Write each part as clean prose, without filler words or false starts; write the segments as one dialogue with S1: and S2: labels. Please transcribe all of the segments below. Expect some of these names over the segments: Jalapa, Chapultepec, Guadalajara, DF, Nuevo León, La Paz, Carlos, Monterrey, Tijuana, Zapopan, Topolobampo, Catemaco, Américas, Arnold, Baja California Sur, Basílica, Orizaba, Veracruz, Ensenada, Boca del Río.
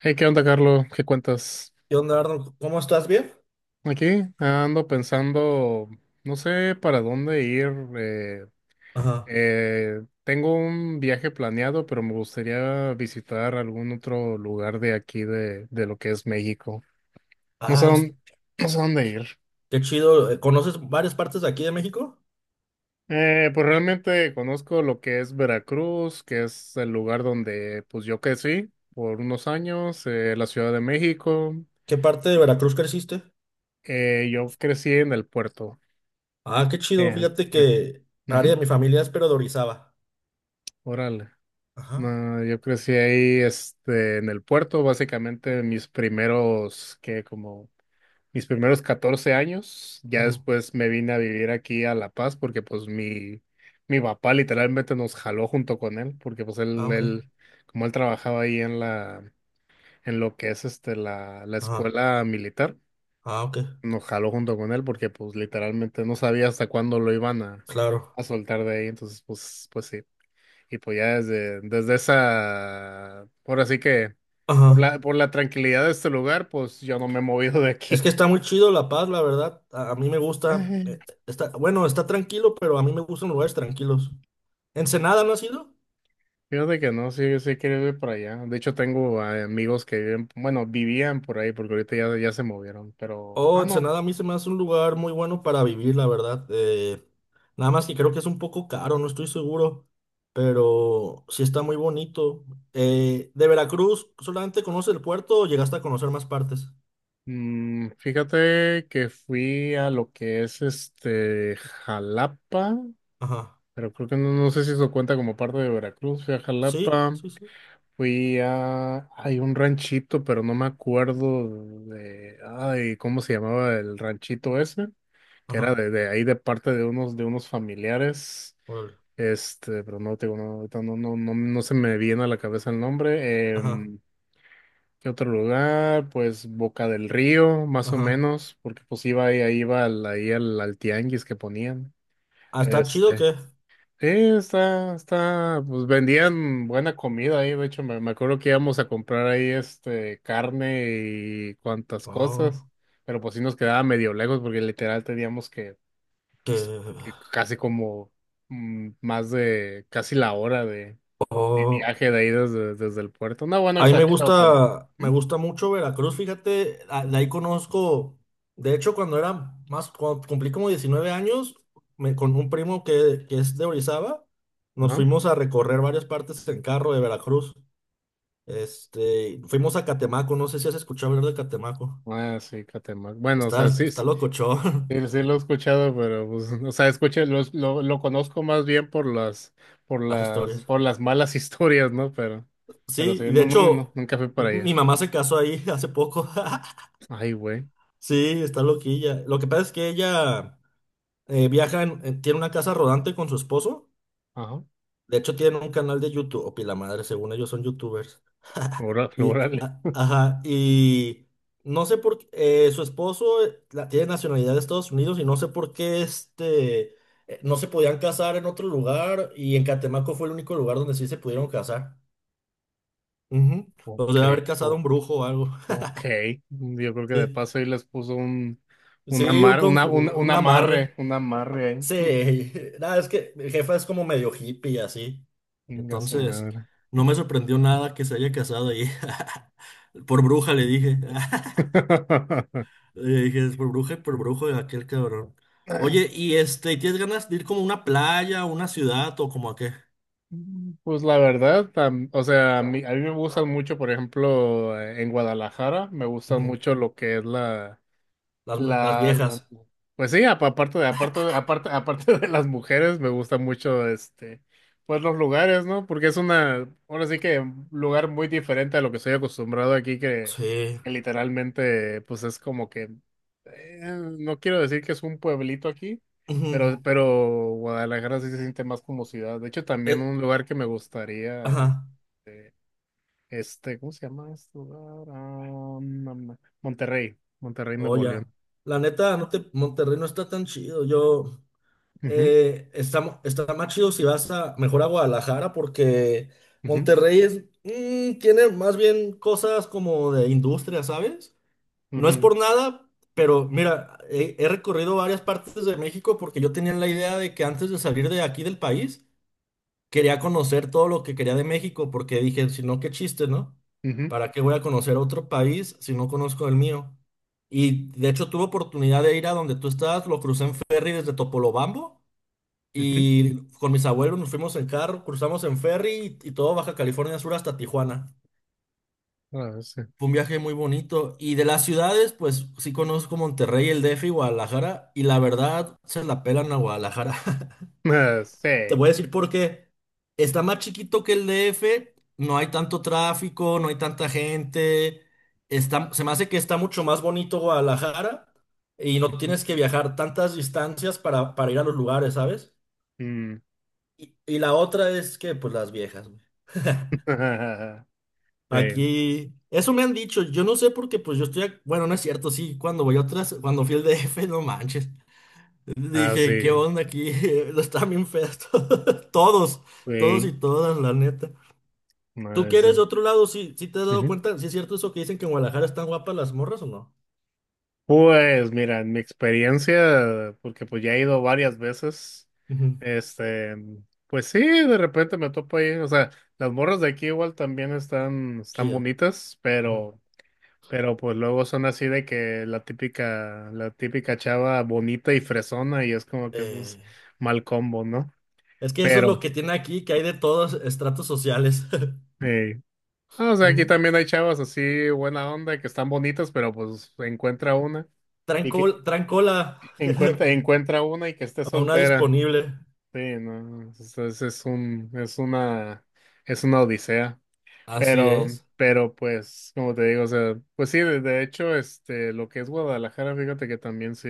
S1: Hey, ¿qué onda, Carlos? ¿Qué cuentas?
S2: ¿Qué onda, Arnold? ¿Cómo estás? ¿Bien?
S1: Aquí ando pensando, no sé para dónde ir. eh,
S2: Ajá.
S1: tengo un viaje planeado, pero me gustaría visitar algún otro lugar de aquí, de lo que es México. No sé
S2: Ah,
S1: dónde, no sé dónde ir.
S2: qué chido. ¿Conoces varias partes de aquí de México?
S1: Pues realmente conozco lo que es Veracruz, que es el lugar donde pues yo crecí por unos años, la Ciudad de México.
S2: ¿Qué parte de Veracruz creciste?
S1: Yo crecí en el puerto.
S2: Ah, qué chido.
S1: Eh,
S2: Fíjate
S1: eh,
S2: que área
S1: ujú.
S2: de mi familia es pero de Orizaba.
S1: Órale.
S2: Ajá.
S1: No, yo crecí ahí, este, en el puerto, básicamente mis primeros 14 años. Ya
S2: Ujú.
S1: después me vine a vivir aquí a La Paz porque pues mi papá literalmente nos jaló junto con él, porque pues
S2: Ah,
S1: él,
S2: ok.
S1: él, como él trabajaba ahí en lo que es este, la
S2: Ajá.
S1: escuela militar,
S2: Ah, ok.
S1: nos jaló junto con él porque pues literalmente no sabía hasta cuándo lo iban a,
S2: Claro.
S1: a soltar de ahí. Entonces, pues sí. Y pues ya desde esa, por así que, por
S2: Ajá.
S1: la, por la tranquilidad de este lugar, pues yo no me he movido de
S2: Es que
S1: aquí.
S2: está muy chido La Paz, la verdad. A mí me gusta.
S1: Ujú.
S2: Está, bueno, está tranquilo, pero a mí me gustan lugares tranquilos. ¿Ensenada no has ido?
S1: Fíjate que no, sí, sí quiero ir para allá. De hecho, tengo amigos que viven, bueno, vivían por ahí, porque ahorita ya se movieron, pero,
S2: Oh,
S1: ah, no.
S2: Ensenada a mí se me hace un lugar muy bueno para vivir, la verdad. Nada más que creo que es un poco caro, no estoy seguro, pero sí está muy bonito. ¿De Veracruz solamente conoces el puerto o llegaste a conocer más partes?
S1: Fíjate que fui a lo que es este Jalapa,
S2: Ajá.
S1: pero creo que no sé si eso cuenta como parte de Veracruz. Fui a
S2: Sí,
S1: Jalapa.
S2: sí, sí.
S1: Hay un ranchito, pero no me acuerdo de, ay, ¿cómo se llamaba el ranchito ese? Que era
S2: Ajá.
S1: de ahí de parte de unos familiares,
S2: Órale.
S1: este, pero no, te digo, no, ahorita no se me viene a la cabeza el nombre.
S2: Ajá,
S1: ¿Qué otro lugar? Pues Boca del Río, más o
S2: ajá.
S1: menos, porque pues iba ahí, ahí iba al, ahí al, al tianguis que ponían.
S2: ¿Ah, está chido o
S1: este
S2: qué?
S1: Sí, pues vendían buena comida ahí, de hecho me acuerdo que íbamos a comprar ahí este carne y cuantas cosas,
S2: Oh,
S1: pero pues sí nos quedaba medio lejos porque literal teníamos pues,
S2: que.
S1: que casi como más de casi la hora de
S2: Oh.
S1: viaje de ahí desde el puerto. No, bueno,
S2: A mí
S1: exagero, pero.
S2: me
S1: ¿Mm?
S2: gusta mucho Veracruz, fíjate, de ahí conozco, de hecho cuando era más, cuando cumplí como 19 años, con un primo que es de Orizaba, nos
S1: Ajá.
S2: fuimos a recorrer varias partes en carro de Veracruz. Fuimos a Catemaco, no sé si has escuchado hablar de Catemaco.
S1: Ah, sí, Catemaco. Bueno, o
S2: Está,
S1: sea, sí,
S2: está
S1: sí.
S2: locochón.
S1: Sí, sí lo he escuchado, pero pues, o sea, escuché, lo conozco más bien por las, por
S2: Las
S1: las,
S2: historias.
S1: por las malas historias, ¿no? Pero sí,
S2: Sí, y de
S1: no, no, no,
S2: hecho,
S1: nunca fui
S2: mi
S1: para
S2: mi
S1: allá.
S2: mamá se casó ahí hace poco.
S1: Ay, güey.
S2: Sí, está loquilla. Lo que pasa es que ella. Viajan, tiene una casa rodante con su esposo.
S1: Ajá.
S2: De hecho, tienen un canal de YouTube. O pila madre, según ellos son youtubers. Y,
S1: Órale.
S2: ajá, y no sé por qué. Su esposo tiene nacionalidad de Estados Unidos y no sé por qué no se podían casar en otro lugar. Y en Catemaco fue el único lugar donde sí se pudieron casar. Ujú.
S1: Ok,
S2: Los debe haber casado
S1: o-
S2: un brujo o algo.
S1: ok. Yo creo que de
S2: Sí,
S1: paso ahí les puso
S2: sí,
S1: un amar, una,
S2: un amarre.
S1: un amarre ahí.
S2: Sí, nada, es que mi jefa es como medio hippie y así.
S1: Venga su
S2: Entonces,
S1: madre.
S2: no me sorprendió nada que se haya casado ahí. Por bruja le dije. Le dije, es por bruja y por brujo de aquel cabrón. Oye, y ¿tienes ganas de ir como a una playa, a una ciudad o como a qué?
S1: Pues la verdad, o sea, a mí me gustan mucho, por ejemplo, en Guadalajara, me gusta
S2: Ujú.
S1: mucho lo que es
S2: Las
S1: la, la-
S2: viejas.
S1: pues sí, aparte de las mujeres, me gusta mucho este, pues los lugares, ¿no? Porque ahora sí que un lugar muy diferente a lo que estoy acostumbrado aquí, que,
S2: Sí.
S1: que literalmente, pues es como que, eh, no quiero decir que es un pueblito aquí,
S2: Ujú.
S1: pero Guadalajara sí se siente más como ciudad. De hecho, también
S2: Eh,
S1: un lugar que me gustaría,
S2: ajá.
S1: este, ¿cómo se llama este lugar? Ah, no, Monterrey,
S2: Oh,
S1: Nuevo León.
S2: ya. La neta, Monterrey no está tan chido. Yo.
S1: Ujú,
S2: Está, está más chido si vas a mejor a Guadalajara porque
S1: ujú.
S2: Monterrey tiene más bien cosas como de industria, ¿sabes? No es
S1: Ujú,
S2: por nada, pero mira, he recorrido varias partes de México porque yo tenía la idea de que antes de salir de aquí del país quería conocer todo lo que quería de México porque dije, si no, qué chiste, ¿no?
S1: ujú,
S2: ¿Para qué voy a conocer otro país si no conozco el mío? Y de hecho tuve oportunidad de ir a donde tú estás, lo crucé en ferry desde Topolobampo.
S1: ujú.
S2: Y con mis abuelos nos fuimos en carro, cruzamos en ferry y todo Baja California Sur hasta Tijuana.
S1: Ah, sí.
S2: Fue un viaje muy bonito. Y de las ciudades, pues sí conozco Monterrey, el DF y Guadalajara. Y la verdad, se la pelan a Guadalajara.
S1: Ah,
S2: Te
S1: sí.
S2: voy a decir por qué. Está más chiquito que el DF, no hay tanto tráfico, no hay tanta gente. Se me hace que está mucho más bonito Guadalajara y no tienes que viajar tantas distancias para ir a los lugares, ¿sabes?
S1: Mm.
S2: Y la otra es que, pues las viejas.
S1: Sí.
S2: Aquí, eso me han dicho, yo no sé por qué, pues yo estoy, bueno, no es cierto, sí, cuando voy a otras, cuando fui al DF, no manches,
S1: Ah,
S2: dije, ¿qué
S1: sí.
S2: onda aquí? Están bien feas todas, todos, todos
S1: Sí.
S2: y todas, la neta. ¿Tú
S1: Ah,
S2: que
S1: sí.
S2: eres de otro lado, sí, sí te has dado
S1: Ujú.
S2: cuenta, si es cierto eso que dicen que en Guadalajara están guapas las morras o no?
S1: Pues mira, en mi experiencia, porque pues ya he ido varias veces,
S2: Ujú,
S1: este, pues sí, de repente me topo ahí, o sea, las morras de aquí igual también están
S2: sí,
S1: bonitas,
S2: ujú.
S1: pero pues luego son así de que la típica chava bonita y fresona y es como que
S2: Eh,
S1: pues mal combo, ¿no?
S2: es que eso es
S1: Pero,
S2: lo que tiene aquí, que hay de todos estratos sociales.
S1: eh, ah, o sea, aquí
S2: Ujú.
S1: también hay chavas así buena onda que están bonitas, pero pues encuentra una
S2: Traen
S1: y que
S2: traen cola
S1: encuentra una y que esté
S2: a una
S1: soltera.
S2: disponible.
S1: Sí, no, es una odisea.
S2: Así
S1: Pero,
S2: es.
S1: pero pues, como te digo, o sea, pues sí, de hecho, este, lo que es Guadalajara, fíjate que también sí.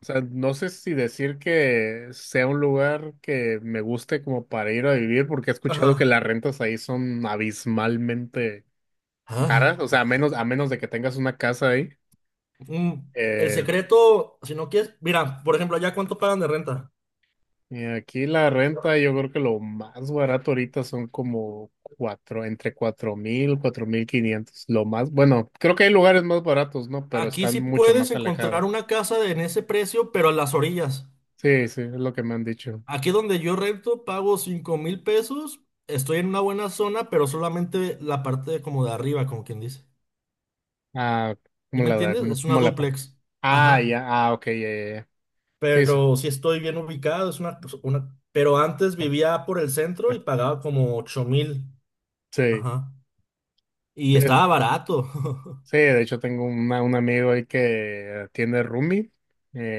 S1: O sea, no sé si decir que sea un lugar que me guste como para ir a vivir, porque he escuchado que
S2: Ajá.
S1: las rentas ahí son abismalmente caras, o sea,
S2: Ah,
S1: a menos de que tengas una casa ahí.
S2: mm, el
S1: Eh,
S2: secreto, si no quieres, mira, por ejemplo, allá cuánto pagan de renta.
S1: y aquí la renta, yo creo que lo más barato ahorita son como entre 4,000, 4,500. Bueno, creo que hay lugares más baratos, ¿no? Pero
S2: Aquí
S1: están
S2: sí
S1: mucho
S2: puedes
S1: más alejados.
S2: encontrar una casa en ese precio, pero a las orillas.
S1: Sí, sí, es lo que me han dicho.
S2: Aquí donde yo rento pago 5,000 pesos. Estoy en una buena zona, pero solamente la parte como de arriba, como quien dice.
S1: Ah,
S2: ¿Sí
S1: ¿cómo
S2: me
S1: la da?
S2: entiendes?
S1: ¿Cómo,
S2: Es una
S1: cómo la paga?
S2: duplex.
S1: Ah,
S2: Ajá.
S1: ya, ah, ok, ya, ya, ya. Sí, sí.
S2: Pero sí estoy bien ubicado, es una, pues, una. Pero antes vivía por el centro y pagaba como 8,000. Ajá. Y
S1: Sí.
S2: estaba barato.
S1: Sí, de hecho tengo un amigo ahí que tiene roomie.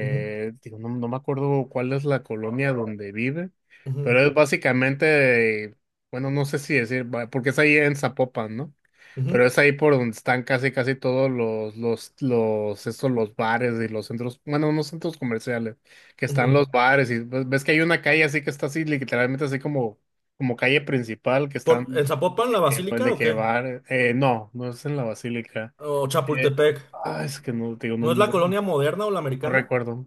S2: Ujú,
S1: digo, no me acuerdo cuál es la colonia donde vive,
S2: ujú,
S1: pero es básicamente, bueno, no sé si decir, porque es ahí en Zapopan, ¿no?
S2: ujú.
S1: Pero es ahí por donde están casi, casi todos los bares y los centros, bueno, unos centros comerciales, que están
S2: Ujú.
S1: los bares y pues, ves que hay una calle así que está así, literalmente así como calle principal, que están,
S2: ¿En Zapopan la
S1: pues,
S2: Basílica
S1: de
S2: o
S1: que
S2: qué?
S1: bar, no, no es en la Basílica.
S2: ¿O
S1: Eh,
S2: Chapultepec?
S1: ah, es que no, te digo, no,
S2: ¿No es
S1: no,
S2: la colonia
S1: no
S2: moderna o la americana?
S1: recuerdo.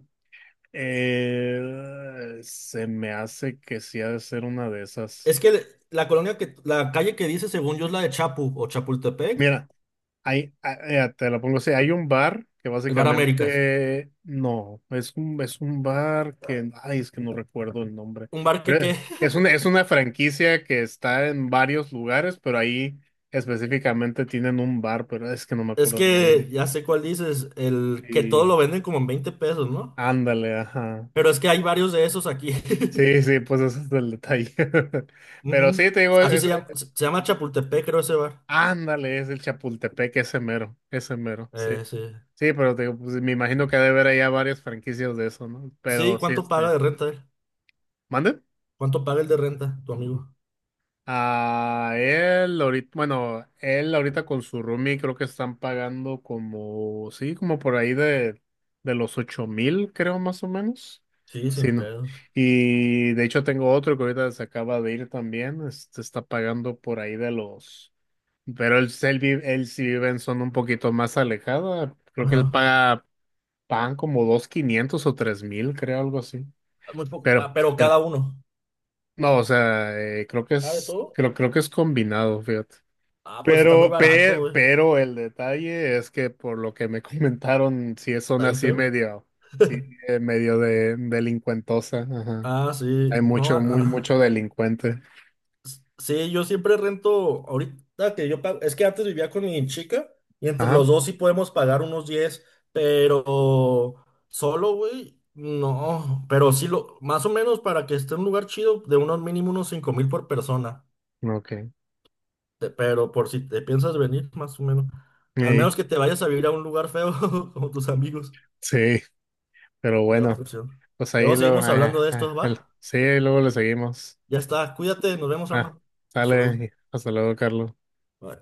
S1: Se me hace que sí ha de ser una de esas.
S2: Es que la colonia que, la calle que dice, según yo, es la de Chapu o Chapultepec,
S1: Mira, te la pongo así, hay un bar que
S2: el Bar Américas.
S1: básicamente, no, es un bar que, ay, es que no recuerdo el nombre.
S2: Un bar que,
S1: Pero
S2: qué.
S1: es es una, es una franquicia que está en varios lugares, pero ahí específicamente tienen un bar, pero es que no me
S2: Es
S1: acuerdo el
S2: que
S1: nombre.
S2: ya sé cuál dices, el que todo
S1: Y
S2: lo venden como en 20 pesos, ¿no?
S1: ándale, ajá.
S2: Pero es que hay varios de esos aquí.
S1: Sí, sí, pues ese es el detalle. Pero
S2: Ujú.
S1: sí, te digo,
S2: Así se llama, se llama Chapultepec, creo, ese bar.
S1: ándale, es el Chapultepec, ese mero, sí.
S2: Sí.
S1: Sí, pero te digo, pues me imagino que ha de haber allá varias franquicias de eso, ¿no?
S2: Sí,
S1: Pero sí,
S2: ¿cuánto
S1: este,
S2: paga de renta él?
S1: ¿mande?
S2: ¿Cuánto paga el de renta, tu amigo?
S1: Ah, él ahorita con su roomie creo que están pagando como, sí, como por ahí de los 8,000, creo, más o menos.
S2: Sí,
S1: Sí,
S2: sin
S1: ¿no?
S2: pedos.
S1: Y de hecho tengo otro que ahorita se acaba de ir también, este, está pagando por ahí de los. Pero él sí vive en zona un poquito más alejada. Creo que él
S2: Ajá.
S1: pagan como 2,500 o 3,000, creo, algo así.
S2: Muy poco.
S1: Pero,
S2: Ah, pero
S1: pero,
S2: cada uno.
S1: no, o sea, creo que
S2: Ah, de
S1: es,
S2: todo.
S1: creo, creo que es combinado, fíjate.
S2: Ah, pues está muy
S1: Pero,
S2: barato,
S1: pe-
S2: güey.
S1: pero el detalle es que por lo que me comentaron, sí es
S2: Está
S1: zona
S2: bien
S1: así
S2: feo.
S1: medio, sí, medio de delincuentosa, ajá.
S2: Ah,
S1: Hay
S2: sí. No, ah.
S1: mucho
S2: Ah.
S1: delincuente.
S2: Sí, yo siempre rento. Ahorita que yo pago. Es que antes vivía con mi chica. Y entre
S1: Ajá.
S2: los dos sí podemos pagar unos 10. Pero solo, güey. No. Pero sí lo. Más o menos para que esté en un lugar chido, de unos mínimo unos 5,000 por persona.
S1: Ok.
S2: Pero por si te piensas venir, más o menos. Al
S1: Ey,
S2: menos que te vayas a vivir a un lugar feo, como tus amigos.
S1: sí, pero
S2: La otra
S1: bueno.
S2: opción.
S1: Pues ahí
S2: Luego
S1: lo,
S2: seguimos
S1: ay, ay,
S2: hablando de
S1: ay,
S2: estos, ¿va?
S1: sí, luego le seguimos.
S2: Ya está. Cuídate, nos vemos,
S1: Ah,
S2: Arno. Hasta luego.
S1: sale, hasta luego, Carlos.
S2: Bye.